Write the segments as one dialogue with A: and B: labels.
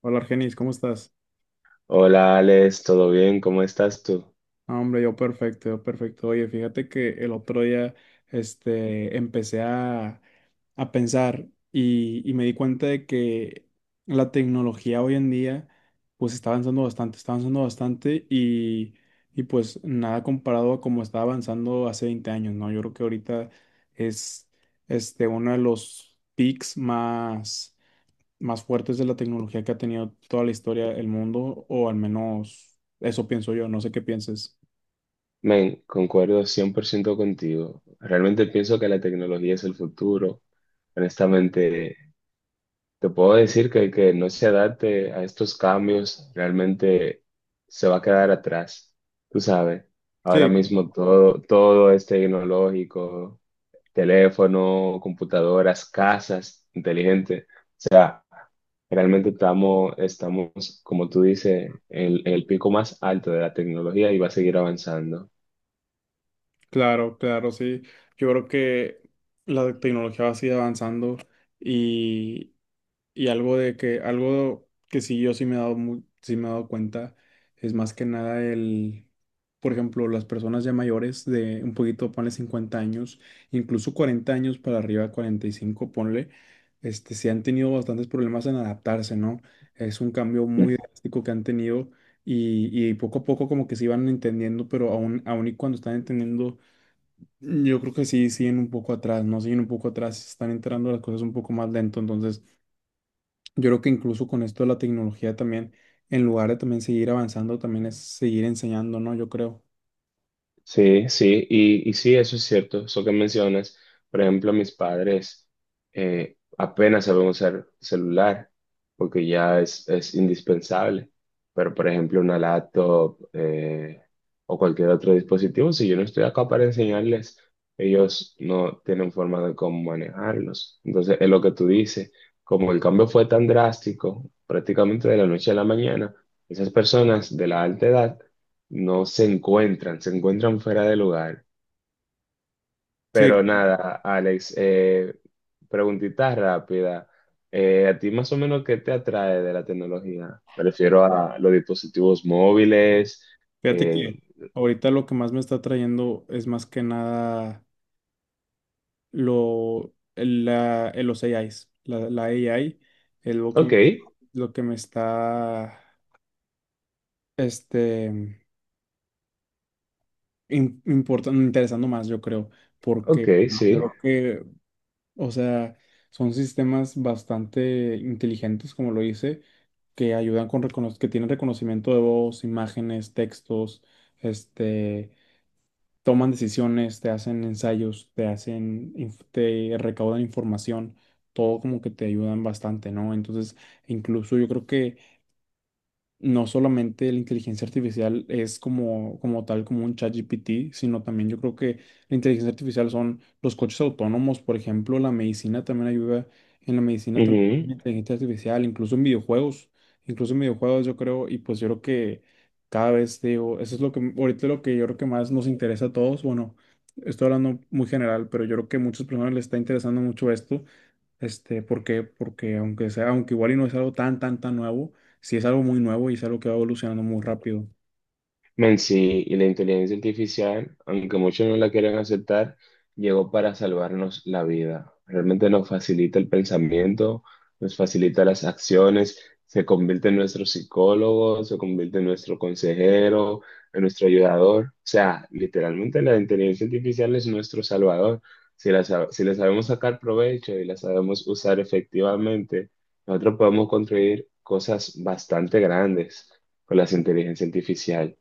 A: Hola Argenis, ¿cómo estás?
B: Hola Alex, ¿todo bien? ¿Cómo estás tú?
A: No, hombre, yo perfecto, yo perfecto. Oye, fíjate que el otro día empecé a pensar y me di cuenta de que la tecnología hoy en día pues está avanzando bastante y pues nada comparado a como estaba avanzando hace 20 años, ¿no? Yo creo que ahorita es uno de los peaks más fuertes de la tecnología que ha tenido toda la historia del mundo, o al menos eso pienso yo, no sé qué pienses.
B: Men, concuerdo 100% contigo. Realmente pienso que la tecnología es el futuro. Honestamente, te puedo decir que el que no se adapte a estos cambios realmente se va a quedar atrás. Tú sabes, ahora
A: Sí,
B: mismo todo es tecnológico, teléfono, computadoras, casas inteligentes. Realmente estamos, como tú dices, en el pico más alto de la tecnología y va a seguir avanzando.
A: claro, claro, sí. Yo creo que la tecnología va a seguir avanzando. Y algo de que, algo que sí yo sí me he sí me he dado cuenta es más que nada por ejemplo, las personas ya mayores de un poquito, ponle 50 años, incluso 40 años para arriba, 45 ponle, sí han tenido bastantes problemas en adaptarse, ¿no? Es un cambio muy drástico que han tenido y poco a poco como que se iban entendiendo, pero aún y cuando están entendiendo, yo creo que sí siguen un poco atrás, ¿no? Siguen un poco atrás, están enterando las cosas un poco más lento, entonces yo creo que incluso con esto de la tecnología también, en lugar de también seguir avanzando, también es seguir enseñando, ¿no? Yo creo.
B: Sí, sí, y sí, eso es cierto, eso que mencionas. Por ejemplo, mis padres apenas saben usar celular porque ya es indispensable. Pero, por ejemplo, una laptop o cualquier otro dispositivo, si yo no estoy acá para enseñarles, ellos no tienen forma de cómo manejarlos. Entonces, es lo que tú dices, como el cambio fue tan drástico, prácticamente de la noche a la mañana, esas personas de la alta edad no se encuentran, se encuentran fuera de lugar.
A: Sí,
B: Pero nada, Alex, preguntita rápida. ¿A ti más o menos qué te atrae de la tecnología? Me refiero a los dispositivos móviles.
A: fíjate que
B: eh,
A: ahorita lo que más me está trayendo es más que nada lo, el- la, el- los AIs. La AI es lo que
B: ok,
A: lo que me está este, importando, interesando más, yo creo, porque
B: ok, sí.
A: yo creo o sea, son sistemas bastante inteligentes, como lo dice, que ayudan con que tienen reconocimiento de voz, imágenes, textos, este, toman decisiones, te hacen ensayos, te hacen, te recaudan información, todo como que te ayudan bastante, ¿no? Entonces, incluso yo creo que no solamente la inteligencia artificial es como, como tal, como un ChatGPT, sino también yo creo que la inteligencia artificial son los coches autónomos, por ejemplo, la medicina también ayuda, en la medicina también hay una inteligencia artificial, incluso en videojuegos yo creo, y pues yo creo que cada vez digo, eso es lo que ahorita lo que yo creo que más nos interesa a todos, bueno, estoy hablando muy general, pero yo creo que a muchas personas les está interesando mucho esto porque aunque sea, aunque igual y no es algo tan nuevo, sí es algo muy nuevo y es algo que va evolucionando muy rápido.
B: Men, sí, y la inteligencia artificial, aunque muchos no la quieran aceptar, llegó para salvarnos la vida. Realmente nos facilita el pensamiento, nos facilita las acciones, se convierte en nuestro psicólogo, se convierte en nuestro consejero, en nuestro ayudador. O sea, literalmente la inteligencia artificial es nuestro salvador. Si si le sabemos sacar provecho y la sabemos usar efectivamente, nosotros podemos construir cosas bastante grandes con la inteligencia artificial.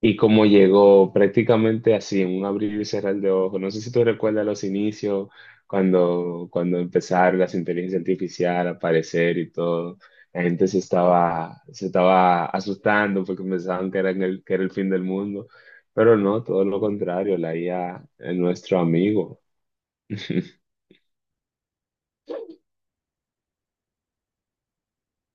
B: Y cómo llegó prácticamente así, en un abrir y cerrar de ojos. No sé si tú recuerdas los inicios, cuando empezaron las inteligencias artificiales a aparecer y todo. La gente se estaba asustando porque pensaban que era el fin del mundo. Pero no, todo lo contrario, la IA es nuestro amigo.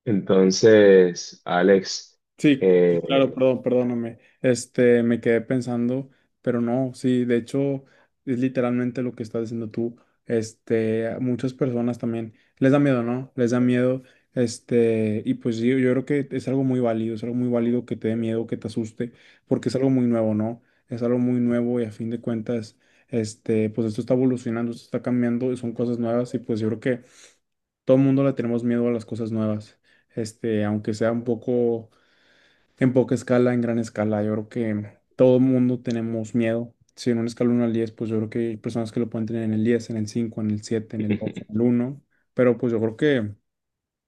B: Entonces, Alex,
A: Sí,
B: eh,
A: claro, perdón, perdóname. Este, me quedé pensando, pero no, sí, de hecho, es literalmente lo que estás diciendo tú. Este, a muchas personas también les da miedo, ¿no? Les da miedo. Este, y pues sí, yo creo que es algo muy válido, es algo muy válido que te dé miedo, que te asuste, porque es algo muy nuevo, ¿no? Es algo muy nuevo y a fin de cuentas, pues esto está evolucionando, esto está cambiando y son cosas nuevas y pues yo creo que todo el mundo le tenemos miedo a las cosas nuevas. Este, aunque sea un poco en poca escala, en gran escala, yo creo que todo el mundo tenemos miedo. Si en una escala uno al 10, pues yo creo que hay personas que lo pueden tener en el 10, en el 5, en el 7, en el 2, en el uno. Pero pues yo creo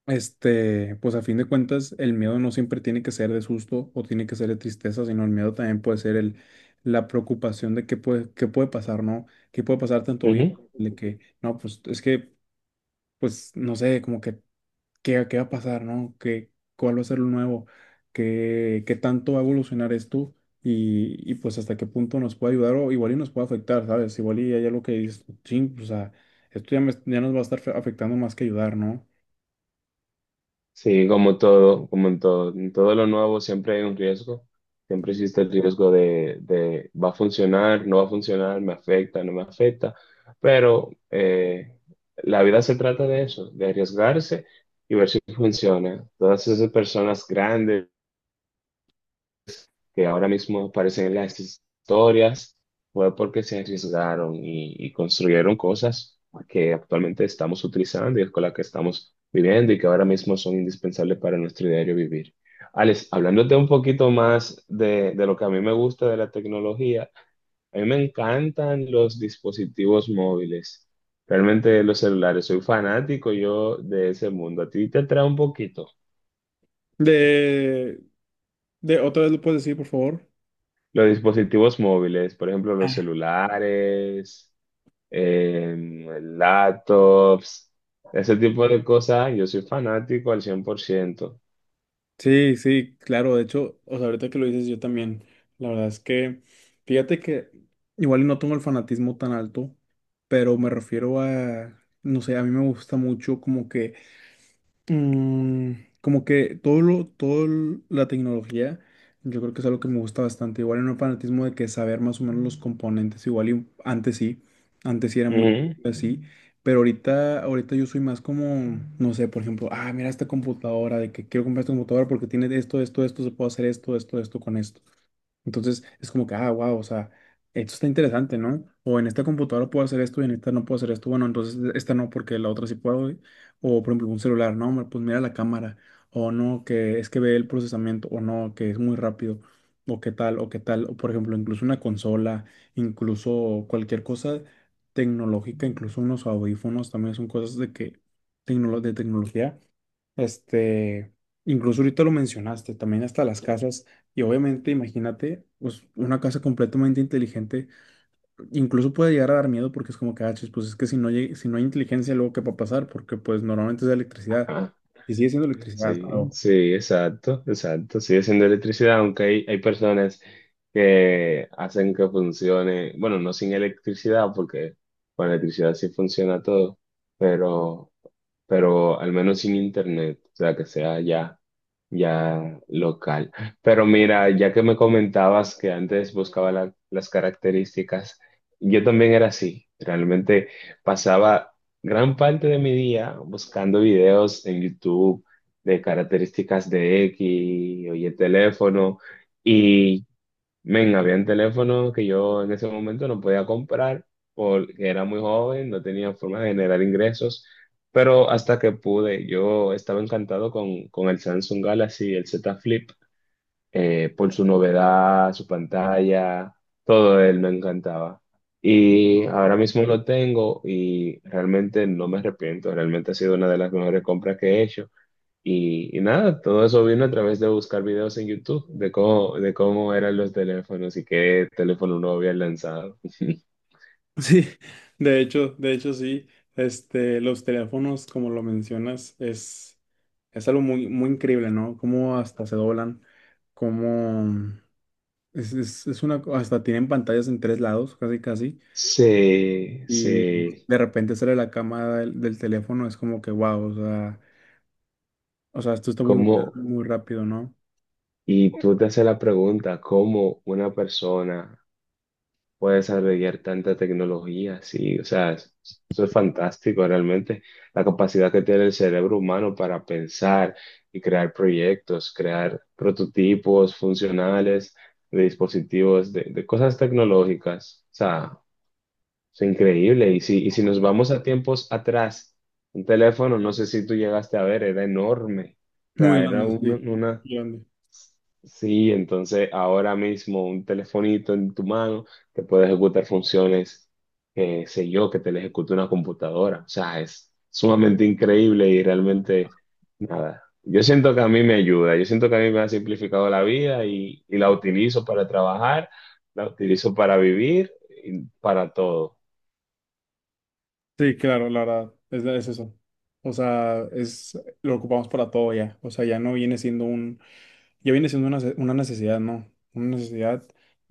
A: pues a fin de cuentas, el miedo no siempre tiene que ser de susto o tiene que ser de tristeza, sino el miedo también puede ser la preocupación de qué puede pasar, ¿no? ¿Qué puede pasar tanto bien? De que, no, pues es que, pues no sé, como que ¿qué, qué va a pasar, no? ¿Qué, cuál va a ser lo nuevo? ¿Qué, qué tanto va a evolucionar esto? Y pues hasta qué punto nos puede ayudar o igual y nos puede afectar, ¿sabes? Igual y hay algo que dices, ching, o sea, esto ya, ya nos va a estar afectando más que ayudar, ¿no?
B: Sí, como todo, como en todo lo nuevo siempre hay un riesgo, siempre existe el riesgo de va a funcionar, no va a funcionar, me afecta, no me afecta, pero la vida se trata de eso, de arriesgarse y ver si funciona. Todas esas personas grandes que ahora mismo aparecen en las historias, fue porque se arriesgaron y construyeron cosas que actualmente estamos utilizando y con las que estamos viviendo y que ahora mismo son indispensables para nuestro diario vivir. Alex, hablándote un poquito más de lo que a mí me gusta de la tecnología, a mí me encantan los dispositivos móviles, realmente los celulares, soy fanático yo de ese mundo. ¿A ti te atrae un poquito?
A: De, otra vez lo puedes decir, por favor.
B: Los dispositivos móviles, por ejemplo, los celulares, em, laptops, ese tipo de cosas. Yo soy fanático al 100%.
A: Sí, sí, claro, de hecho, o sea, ahorita que lo dices yo también, la verdad es que, fíjate que igual y no tengo el fanatismo tan alto, pero me refiero a, no sé, a mí me gusta mucho como que Mm, como que todo la tecnología, yo creo que es algo que me gusta bastante. Igual en un fanatismo de que saber más o menos los componentes, igual y antes sí era mucho
B: Ujú.
A: así, pero ahorita, ahorita yo soy más como, no sé, por ejemplo, ah, mira esta computadora, de que quiero comprar esta computadora porque tiene esto, esto, esto, se puede hacer esto, esto, esto con esto. Entonces es como que, ah, wow, o sea, esto está interesante, ¿no? O en esta computadora puedo hacer esto y en esta no puedo hacer esto. Bueno, entonces e, esta no porque la otra sí puedo. Y- O por ejemplo, un celular, no, hombre, pues mira la cámara. O no, que es que ve el procesamiento. O no, que es muy rápido. O qué tal, o qué tal. O por ejemplo, incluso una consola, incluso cualquier cosa tecnológica, incluso unos audífonos también son cosas de que, de tecnología este, incluso ahorita lo mencionaste, también hasta las casas, y obviamente imagínate, pues una casa completamente inteligente, incluso puede llegar a dar miedo porque es como que, ah, chis, pues es que si no, si no hay inteligencia, luego qué va a pasar, porque pues normalmente es electricidad,
B: Ajá.
A: y sigue siendo electricidad,
B: Sí,
A: pero-
B: sí, exacto, exacto. Sigue siendo electricidad, aunque hay personas que hacen que funcione, bueno, no sin electricidad, porque con electricidad sí funciona todo, pero, pero al menos sin internet, o sea, que sea ya. ya local. Pero mira, ya que me comentabas que antes buscaba las características, yo también era así. Realmente pasaba gran parte de mi día buscando videos en YouTube de características de X, oye, teléfono, Men, habían teléfonos que yo en ese momento no podía comprar porque era muy joven, no tenía forma de generar ingresos, pero hasta que pude, yo estaba encantado con el Samsung Galaxy, el Z Flip, por su novedad, su pantalla, todo él me encantaba. Y ahora mismo lo tengo y realmente no me arrepiento, realmente ha sido una de las mejores compras que he hecho. Y nada, todo eso vino a través de buscar videos en YouTube de cómo eran los teléfonos y qué teléfono uno había lanzado.
A: Sí, de hecho sí, los teléfonos, como lo mencionas, es algo muy, muy increíble, ¿no? Cómo hasta se doblan, cómo... es una, hasta tienen pantallas en tres lados, casi casi,
B: Sí,
A: y
B: sí.
A: de repente sale la cámara del teléfono, es como que wow, o sea, esto está
B: ¿Cómo?
A: evolucionando muy rápido, ¿no?
B: Y tú te haces la pregunta, ¿cómo una persona puedes albergar tanta tecnología, sí, o sea, eso es fantástico realmente, la capacidad que tiene el cerebro humano para pensar y crear proyectos, crear prototipos funcionales de dispositivos, de cosas tecnológicas, o sea, es increíble. Y si nos vamos a tiempos atrás, un teléfono, no sé si tú llegaste a ver, era enorme, o
A: Muy
B: sea, era una...
A: grande.
B: Sí, entonces ahora mismo un telefonito en tu mano te puede ejecutar funciones, que sé yo, que te le ejecute una computadora. O sea, es sumamente increíble y realmente nada. Yo siento que a mí me ayuda, yo siento que a mí me ha simplificado la vida y la utilizo para trabajar, la utilizo para vivir y para todo.
A: Sí, claro, la verdad, es eso. O sea, lo ocupamos para todo ya, o sea, ya no viene siendo un, ya viene siendo una necesidad, ¿no? Una necesidad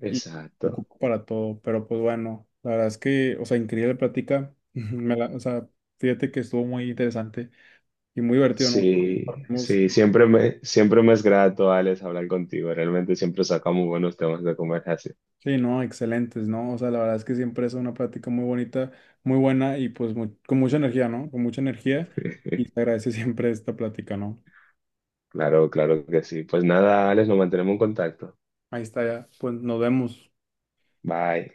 A: y lo
B: Exacto.
A: ocupo para todo, pero pues bueno, la verdad es que, o sea, increíble plática, o sea, fíjate que estuvo muy interesante. Y muy divertido, ¿no?
B: Sí,
A: Compartimos-
B: sí, siempre me es grato, Alex, hablar contigo. Realmente siempre sacamos buenos temas de conversación.
A: Sí, no, excelentes, ¿no? O sea, la verdad es que siempre es una plática muy bonita, muy buena y pues con mucha energía, ¿no? Con mucha energía y te agradece siempre esta plática, ¿no?
B: Claro, claro que sí. Pues nada, Alex, nos mantenemos en contacto.
A: Ahí está ya, pues nos vemos.
B: Bye.